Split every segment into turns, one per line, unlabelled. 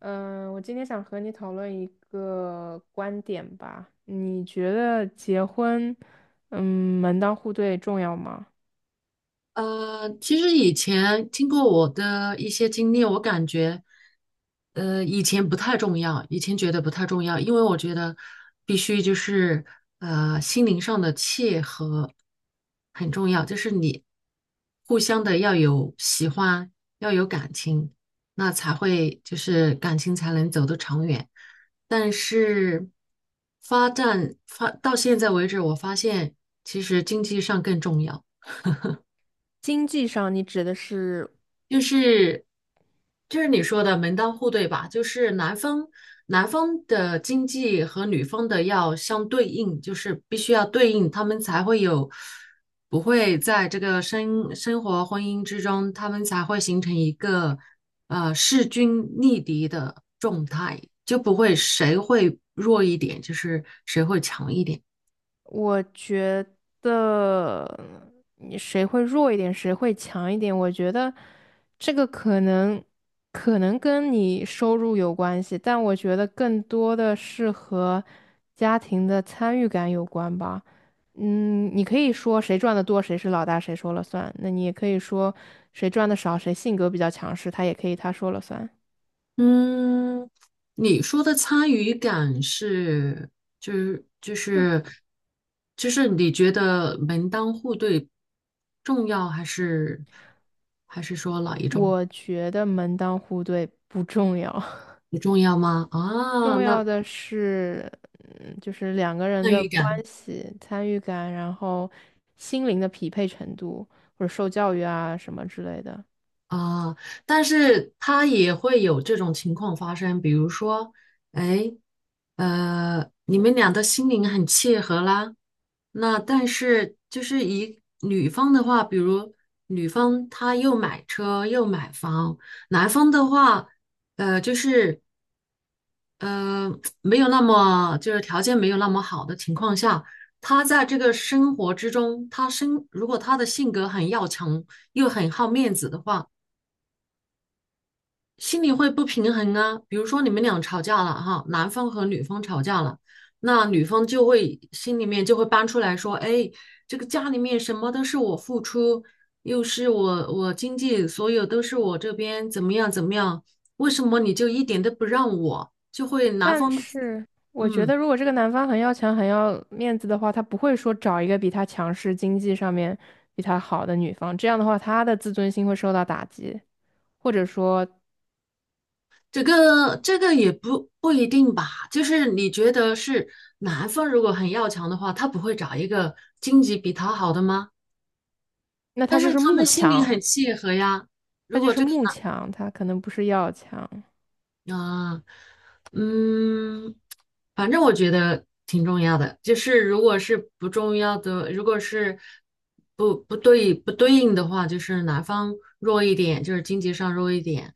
嗯，我今天想和你讨论一个观点吧。你觉得结婚，门当户对重要吗？
其实以前经过我的一些经历，我感觉，以前不太重要，以前觉得不太重要，因为我觉得必须就是心灵上的契合很重要，就是你互相的要有喜欢，要有感情，那才会就是感情才能走得长远。但是发到现在为止，我发现其实经济上更重要。
经济上，你指的是
就是就是你说的门当户对吧？就是男方的经济和女方的要相对应，就是必须要对应，他们才会有不会在这个生活婚姻之中，他们才会形成一个势均力敌的状态，就不会谁会弱一点，就是谁会强一点。
我觉得你谁会弱一点，谁会强一点，我觉得这个可能跟你收入有关系，但我觉得更多的是和家庭的参与感有关吧。嗯，你可以说谁赚的多，谁是老大，谁说了算。那你也可以说谁赚的少，谁性格比较强势，他也可以他说了算。
嗯，你说的参与感是，就是就是
就
就是你觉得门当户对重要还是说哪一种
我觉得门当户对不重要。
不重要吗？啊，
重
那
要的是，就是两个人
参
的
与
关
感。
系、参与感，然后心灵的匹配程度，或者受教育啊什么之类的。
啊，但是他也会有这种情况发生，比如说，哎，你们俩的心灵很契合啦，那但是就是以女方的话，比如女方她又买车又买房，男方的话，就是呃没有那么就是条件没有那么好的情况下，他在这个生活之中，如果他的性格很要强又很好面子的话。心里会不平衡啊。比如说你们俩吵架了哈，男方和女方吵架了，那女方就会心里面就会搬出来说，哎，这个家里面什么都是我付出，又是我经济，所有都是我这边怎么样怎么样，为什么你就一点都不让我？就会男
但
方，
是我觉
嗯。
得，如果这个男方很要强、很要面子的话，他不会说找一个比他强势、经济上面比他好的女方，这样的话，他的自尊心会受到打击，或者说，
这个也不一定吧，就是你觉得是男方如果很要强的话，他不会找一个经济比他好的吗？
那
但
他就
是
是
他们
慕
心灵
强，
很契合呀。如果这个
他可能不是要强。
啊，嗯，反正我觉得挺重要的。就是如果是不重要的，如果是不对应的话，就是男方弱一点，就是经济上弱一点，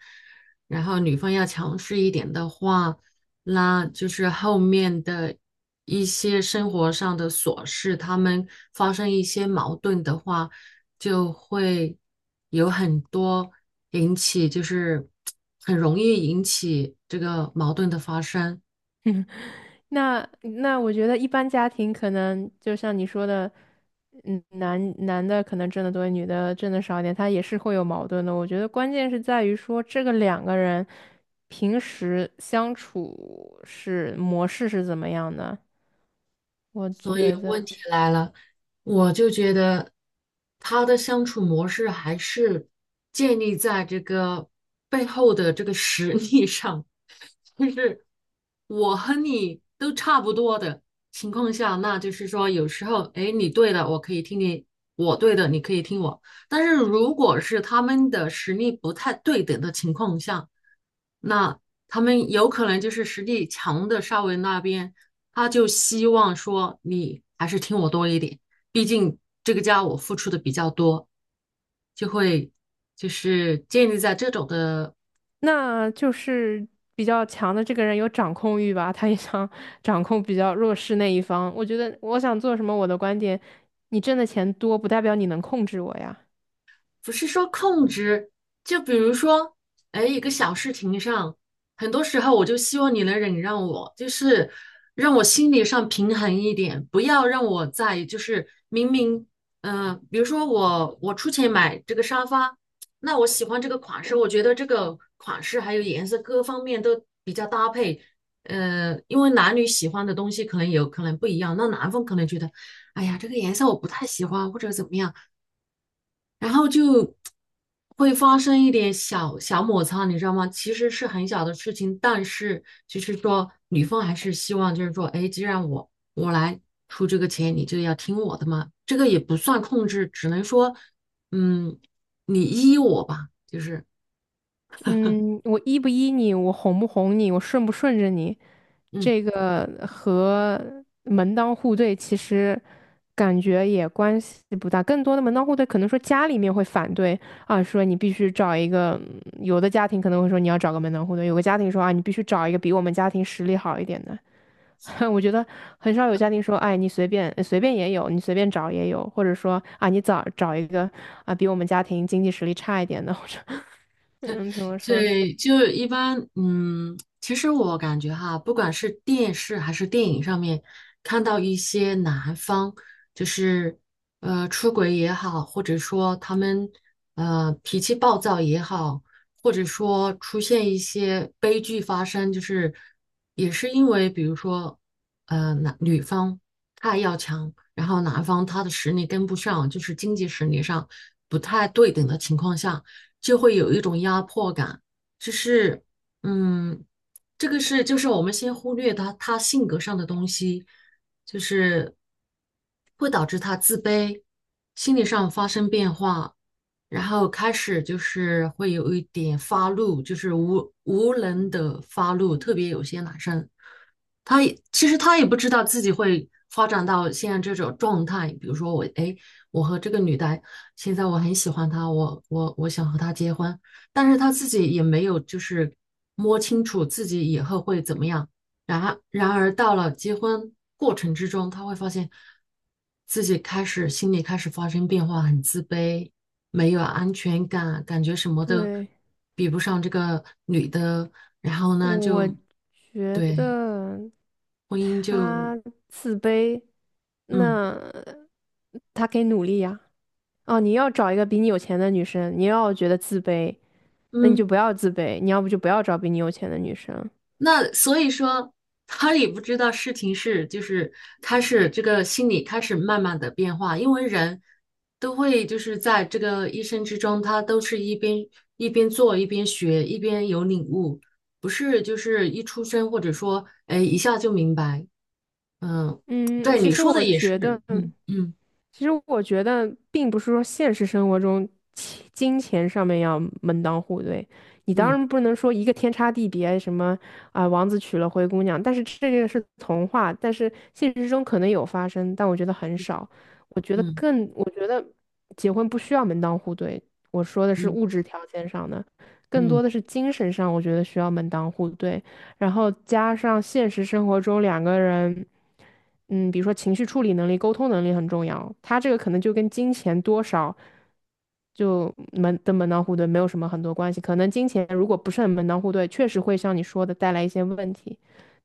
然后女方要强势一点的话，那就是后面的一些生活上的琐事，他们发生一些矛盾的话。就会有很多引起，就是很容易引起这个矛盾的发生。
那我觉得一般家庭可能就像你说的，嗯，男的可能挣得多，女的挣得少一点，他也是会有矛盾的。我觉得关键是在于说这个两个人平时相处是模式是怎么样的。我
所以
觉得
问题来了，我就觉得他的相处模式还是建立在这个背后的这个实力上，就是我和你都差不多的情况下，那就是说有时候，哎，你对的，我可以听你；我对的，你可以听我。但是如果是他们的实力不太对等的情况下，那他们有可能就是实力强的稍微那边，他就希望说你还是听我多一点，毕竟这个家我付出的比较多，就会就是建立在这种的
那就是比较强的这个人有掌控欲吧，他也想 掌控比较弱势那一方。我觉得我想做什么，我的观点，你挣的钱多不代表你能控制我呀。
不是说控制，就比如说，哎，一个小事情上，很多时候我就希望你能忍让我，就是让我心理上平衡一点，不要让我在就是明明，嗯、比如说我出钱买这个沙发，那我喜欢这个款式，我觉得这个款式还有颜色各方面都比较搭配，因为男女喜欢的东西可能有可能不一样，那男方可能觉得，哎呀，这个颜色我不太喜欢，或者怎么样。然后就会发生一点小小摩擦，你知道吗？其实是很小的事情，但是就是说，女方还是希望就是说，哎，既然我来出这个钱，你就要听我的嘛。这个也不算控制，只能说，嗯，你依我吧，就是
嗯，我依不依你，我哄不哄你，我顺不顺着你，
嗯。
这个和门当户对其实感觉也关系不大。更多的门当户对，可能说家里面会反对啊，说你必须找一个，有的家庭可能会说你要找个门当户对，有个家庭说啊，你必须找一个比我们家庭实力好一点的。我觉得很少有家庭说，哎，你随便也有，你随便找也有，或者说啊，你找一个啊比我们家庭经济实力差一点的，或者 嗯，怎么
所
说呢？
以就一般，嗯，其实我感觉哈，不管是电视还是电影上面看到一些男方，就是出轨也好，或者说他们脾气暴躁也好，或者说出现一些悲剧发生，就是也是因为比如说男女方太要强，然后男方他的实力跟不上，就是经济实力上不太对等的情况下。就会有一种压迫感，就是嗯，这个是就是我们先忽略他性格上的东西，就是会导致他自卑，心理上发生变化，然后开始就是会有一点发怒，就是无能的发怒，特别有些男生。他也其实他也不知道自己会发展到现在这种状态。比如说我，哎，我和这个女的，现在我很喜欢她，我想和她结婚，但是他自己也没有就是摸清楚自己以后会怎么样。然而到了结婚过程之中，他会发现自己开始心里开始发生变化，很自卑，没有安全感，感觉什么都
对。
比不上这个女的。然后呢，
我
就
觉
对。
得
婚姻就
他自卑，
嗯
那他可以努力呀。哦，你要找一个比你有钱的女生，你要觉得自卑，那你
嗯，
就不要自卑，你要不就不要找比你有钱的女生。
那所以说他也不知道事情是就是他是这个心理开始慢慢的变化，因为人都会就是在这个一生之中，他都是一边一边做一边学一边有领悟，不是就是一出生或者说哎一下就明白，嗯，
嗯，
对
其
你
实
说的
我
也是，
觉得。
嗯嗯
其实我觉得，并不是说现实生活中金钱上面要门当户对，你当
嗯
然不能说一个天差地别，什么啊、王子娶了灰姑娘，但是这个是童话，但是现实中可能有发生，但我觉得很少。
嗯
我觉得结婚不需要门当户对，我说的是
嗯
物质条件上的，更多
嗯
的是精神上，我觉得需要门当户对。然后加上现实生活中两个人，嗯，比如说情绪处理能力、沟通能力很重要。他这个可能就跟金钱多少就门当户对没有什么很多关系。可能金钱如果不是很门当户对，确实会像你说的带来一些问题，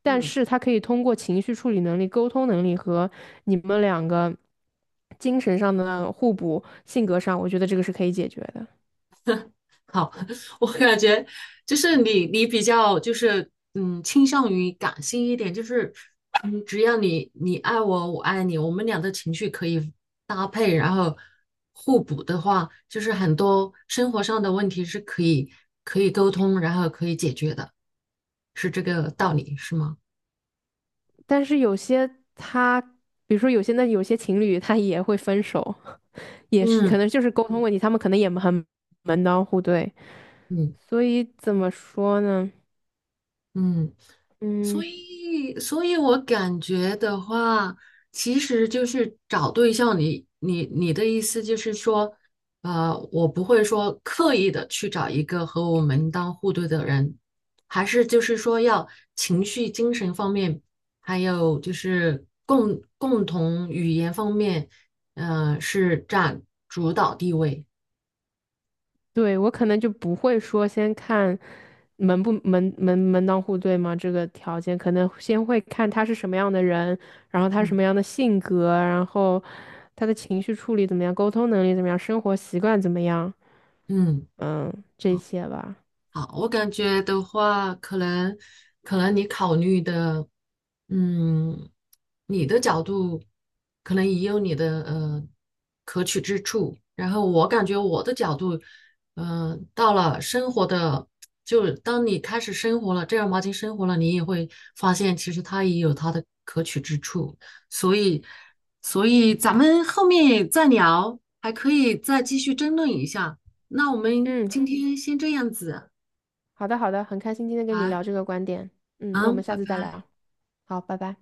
但
嗯。
是他可以通过情绪处理能力、沟通能力和你们两个精神上的互补、性格上，我觉得这个是可以解决的。
好，我感觉就是你，你比较就是嗯，倾向于感性一点，就是嗯，只要你你爱我，我爱你，我们俩的情绪可以搭配，然后互补的话，就是很多生活上的问题是可以可以沟通，然后可以解决的，是这个道理，是吗？
但是有些他，比如说有些情侣他也会分手。也是可
嗯，
能就是沟通问题，他们可能也很门当户对，
嗯。
所以怎么说呢？
嗯，所
嗯，
以，所以我感觉的话，其实就是找对象你。你你的意思就是说，我不会说刻意的去找一个和我门当户对的人，还是就是说要情绪、精神方面，还有就是共同语言方面，是占主导地位。
对我可能就不会说先看门不门门门当户对吗？这个条件，可能先会看他是什么样的人，然后他是什
嗯
么样的性格，然后他的情绪处理怎么样，沟通能力怎么样，生活习惯怎么样，
嗯。
嗯，这些吧。
好，我感觉的话，可能你考虑的，嗯，你的角度可能也有你的可取之处。然后我感觉我的角度，到了生活的，就当你开始生活了，正儿八经生活了，你也会发现其实它也有它的可取之处。所以，所以，咱们后面再聊，还可以再继续争论一下。那我们
嗯，
今天先这样子。
好的很开心今天
好
跟你
啊，
聊这个观点。嗯，那我
嗯，
们下
拜
次再聊。
拜。
好，拜拜。